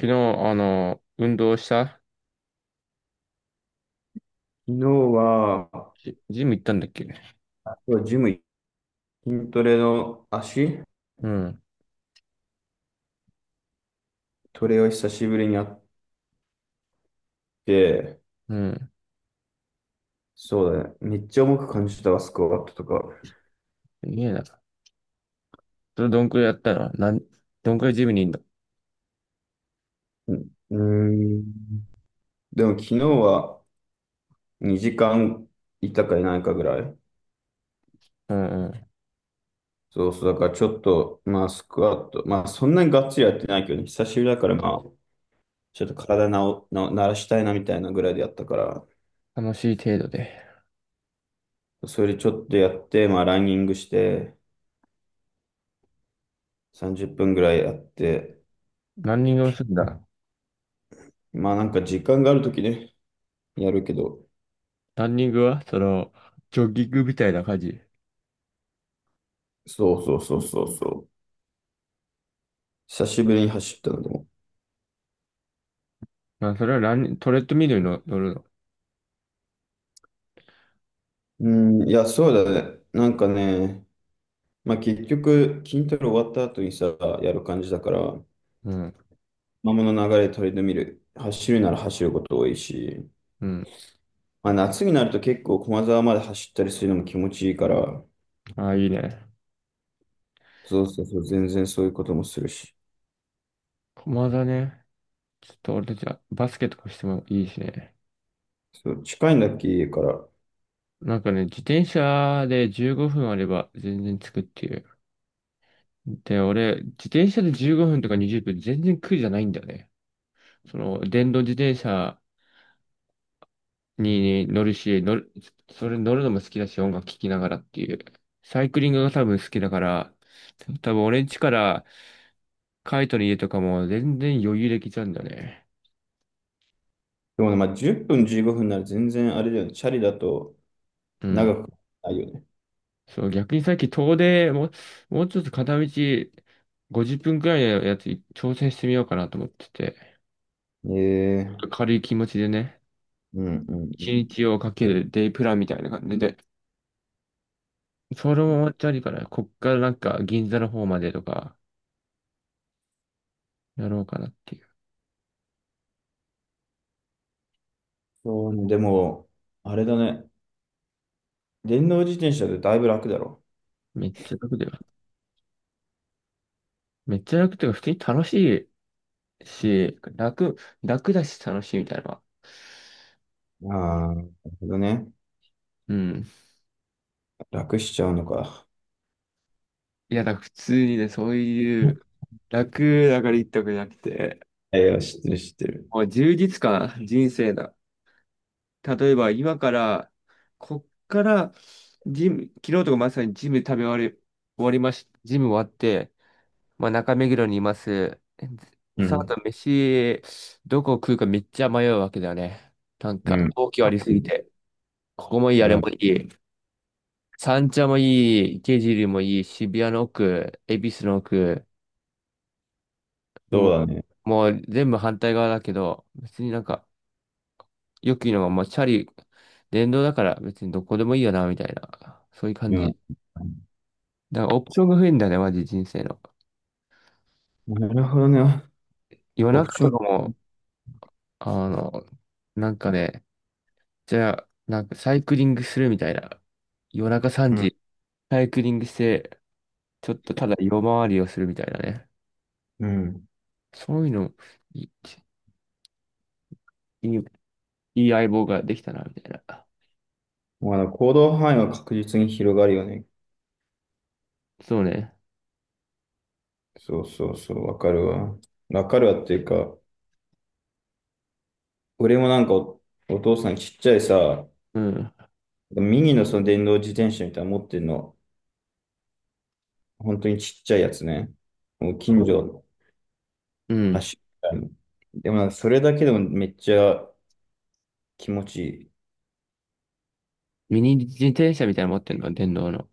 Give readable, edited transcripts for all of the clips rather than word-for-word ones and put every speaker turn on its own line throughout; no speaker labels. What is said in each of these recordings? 昨日、運動した。
昨日は、
ジム行ったんだっけ。
あとはジム、筋トレの足
うん、
トレを久しぶりにやって、
うん。
そうだね。めっちゃ重く感じたわ、スクワットとか。
いいえな。それどんくらいやったのどんくらいジムにいんの。
うん。ーんでも昨日は2時間いたかいないかぐらい。
うんうん。
そうそう。だからちょっと、まあスクワット、まあそんなにがっつりやってないけどね、久しぶりだからまあ、ちょっと体なお、な、慣らしたいなみたいなぐらいでやったから、
楽しい程度で。
それでちょっとやって、まあランニングして、30分ぐらいやって、
ランニングをするんだ。
まあなんか時間があるときね、やるけど、
ランニングはその、ジョギングみたいな感じ。
そうそうそうそうそう。久しぶりに走ったのでも。
まあ、それはランニ、トレッドミルに乗るの。
うん、いや、そうだね。なんかね、まあ結局、筋トレ終わった後にさ、やる感じだから、
うん、
まあ物の流れ取り留める。走るなら走ること多いし、
うん。
まあ夏になると結構駒沢まで走ったりするのも気持ちいいから、
ああ、いいね。
そうそうそう、全然そういうこともするし。
駒だね。ちょっと俺たちはバスケとかしてもいいしね。
そう、近いんだっけ、家から。
なんかね、自転車で15分あれば全然着くっていう。で、俺、自転車で15分とか20分、全然苦じゃないんだよね。その、電動自転車にね乗るし、乗る、それ乗るのも好きだし、音楽聴きながらっていう。サイクリングが多分好きだから、多分俺ん家からカイトの家とかも全然余裕できちゃうんだよね。
でもね、まあ10分15分なら全然あれだよね、チャリだと
うん。
長くないよね。
そう、逆にさっき遠出、もう、もうちょっと片道50分くらいのやつ挑戦してみようかなと思ってて、
ええ、
軽い気持ちでね、
うんうんう
1
ん。
日をかけるデイプランみたいな感じでそれも終わっちゃうから、こっからなんか銀座の方までとかやろうかなっていう。
そうね、でも、あれだね。電動自転車でだいぶ楽だろ。
めっちゃ楽だよ。めっちゃ楽っていうか、普通にいし、楽、楽だし楽しいみたいなのは。
ああ、なるほどね。
うん。
楽しちゃうのか。
いや、だから普通にね、そういう楽だから言ったわけじゃなくて、
いや、知ってる知ってる。
もう充実感、人生だ。例えば今から、こっから、昨日とかまさにジム食べ終わり、終わりまし、ジム終わって、まあ、中目黒にいます。で、
う
その後
ん、
飯、どこ食うかめっちゃ迷うわけだよね。なん
う
か、
ん、
東京ありすぎて。ここもいい、あ
う
れもい
ん。
い、三茶もい池尻もいい、渋谷の奥、恵比寿の奥、
そう
も
だね。
う、もう全部反対側だけど、別になんか、よく言うのが、もうチャリ、電動だから別にどこでもいいよな、みたいな。そういう感
うん。
じ。だからオプションが増えんだよね、マジ人生の。
なるほどね。
夜
オプ
中
ショ
と
ン。
かも、あの、なんかね、じゃあ、なんかサイクリングするみたいな。夜中3
うん、
時、サイクリングして、ちょっとただ夜回りをするみたいなね。
うん。
そういうの、いい、いいいい相棒ができたな、みたいな。
まあ、行動範囲は確実に広がるよね。
そうね。
そうそうそう、わかるわ。わかるわっていうか、俺もなんか、お父さんちっちゃいさ、
うん。
ミニのその電動自転車みたいなの持ってんの。本当にちっちゃいやつね。もう近所所
うん。
走るみたいな。でもなんかそれだけでもめっちゃ気持ちいい。
ミニ自転車みたいなの持ってんの、電動の。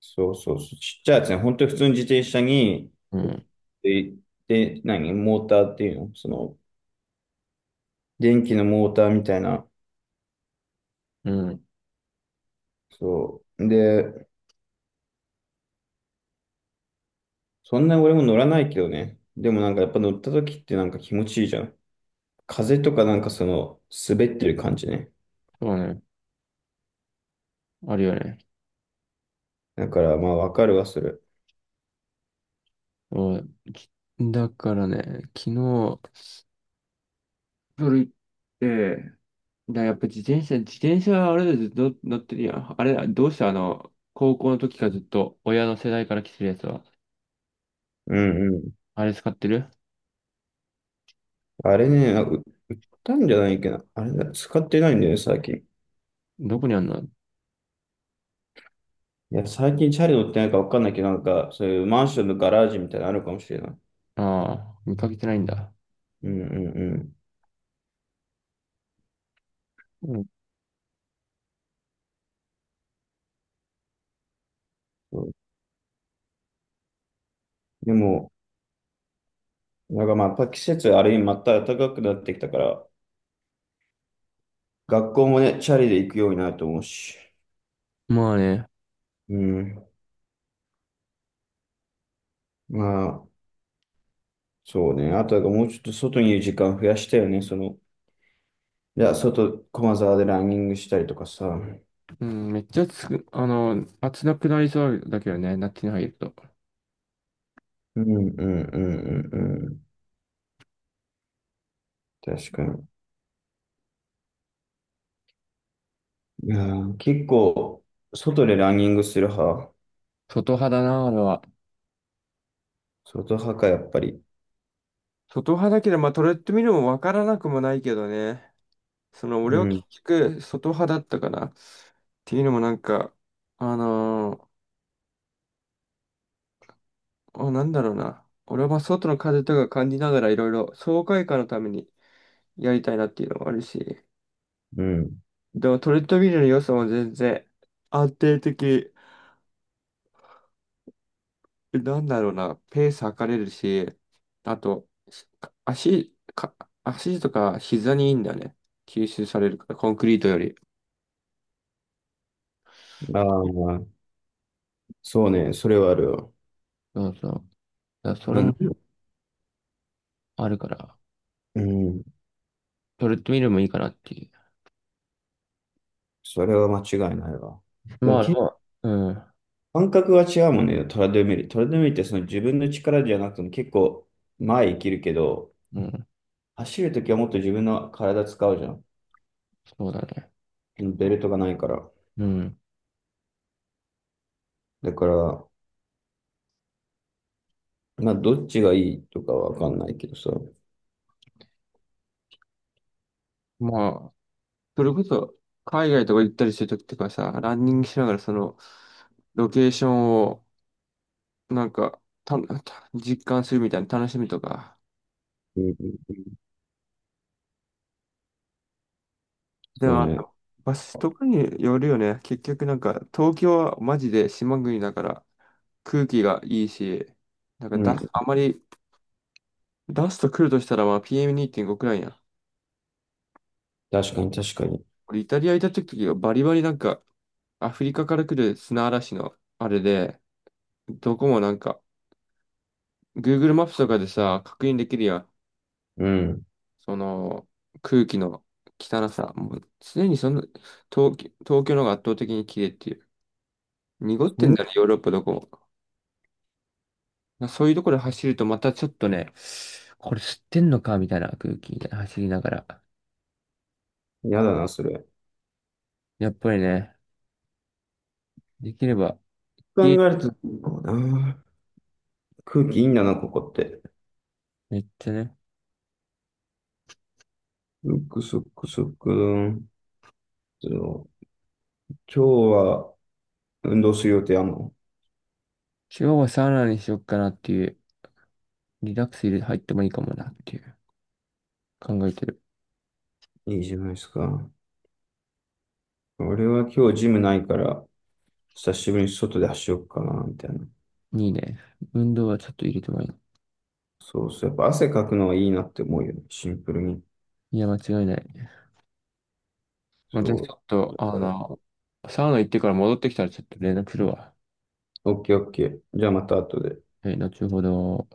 そうそうそう。ちっちゃいやつね。本当に普通の自転車に、
うん。
で、で、何モーターっていうのその、電気のモーターみたいな。
うん。
そう。で、そんな俺も乗らないけどね。でもなんかやっぱ乗った時ってなんか気持ちいいじゃん。風とかなんかその、滑ってる感じね。
そうね。あるよね。
だからまあわかるわ、それ。
うん。だからね、昨日、夜行って、だからやっぱ自転車はあれでずっと乗ってるやん。あれ、どうしてあの、高校の時からずっと親の世代から来てるやつは、
うんうん。
あれ使ってる。
あれね、なんかたんじゃないっけど、あれだ、使ってないんだよね、最近。い
どこにあんの。あ
や、最近チャリ乗ってないかわかんないけど、なんか、そういうマンションのガラージみたいなのあるかもしれない。
あー、見かけてないんだ。
うんうんうん。
うん。
そうでも、なんかまあ、やっぱ季節あれにまた暖かくなってきたから、学校もね、チャリで行くようになると思うし。
まあね、
うん。まあ、そうね。あとはもうちょっと外にいる時間増やしたよね。その、じゃあ外、駒沢でランニングしたりとかさ。うん
うん、めっちゃつく、あの、暑なくなりそうだけどね、夏に入ると。
うんうんうんうん。確かに。うん、結構、外でランニングする派。
外派だな、あれは。
外派か、やっぱり。
外派だけど、まあ、トレッドミルもわからなくもないけどね。その、
う
俺は結
ん、
局、外派だったかな。っていうのもなんか、あのーあ、なんだろうな。俺は外の風とか感じながらいろいろ爽快感のためにやりたいなっていうのもあるし、
うん。
でもトレッドミルの良さも全然安定的、なんだろうな、ペース測れるし、あと、し足、か、足とか膝にいいんだよね。吸収されるから、コンクリートより。
ああ、そうね、それはあるよ。
そうそう。だからそれ
うん、
もあるから、
うん、
トレッドミルもいいかなっていう。
それは間違いないわ。
まあ、
で
ま
も、
あれは、うん、
感覚が違うもんね、トラドミル。トラドミルってその自分の力じゃなくても結構前生きるけど、
うん、
走るときはもっと自分の体使うじゃ
そうだね。
ん。ベルトがないから。
うん。
だから、まあ、どっちがいいとかはわかんないけどさ。
まあ、それこそ、海外とか行ったりするときとかさ、ランニングしながらその、ロケーションを、なんか、実感するみたいな楽しみとか。
うん、うんうん、
で
そう
も、
ね。
場所とかによるよね。結局なんか、東京はマジで島国だから、空気がいいし、なんか
う
だ、
ん、
あまり、ダスト来るとしたら、まあ、PM2.5 くらいやん。
確かに確かに。
俺、イタリア行った時はバリバリなんか、アフリカから来る砂嵐の、あれで、どこもなんか、Google マップとかでさ、確認できるやん。
うん。
その空気の汚さ、もう常にその東京の方が圧倒的に綺麗っていう。濁ってんだね、ヨーロッパどこも。なそういうところで走るとまたちょっとね、これ吸ってんのかみたいな空気みたいな走りながら。
やだな、それ。
やっぱりね、できれば、
考
家
えると、こうな。空気いいんだな、ここって。
めっちゃね、
そっくそっくそっくどん。そう、今日は運動する予定あんの？
今日はサウナにしよっかなっていう、リラックス入れ入ってもいいかもなっていう、考えてる。
いいじゃないですか。俺は今日ジムないから、久しぶりに外で走ろうかな、みたいな。
いいね。運動はちょっと入れてもいい。
そうそう。やっぱ汗かくのはいいなって思うよね。シンプルに。
いや、間違いない。まあ、じゃあち
そ
ょっ
う。
と、
だ
あ
から、
の、サウナ行ってから戻ってきたらちょっと連絡するわ。
オッケーオッケー。じゃあまた後で。
はい、後ほど。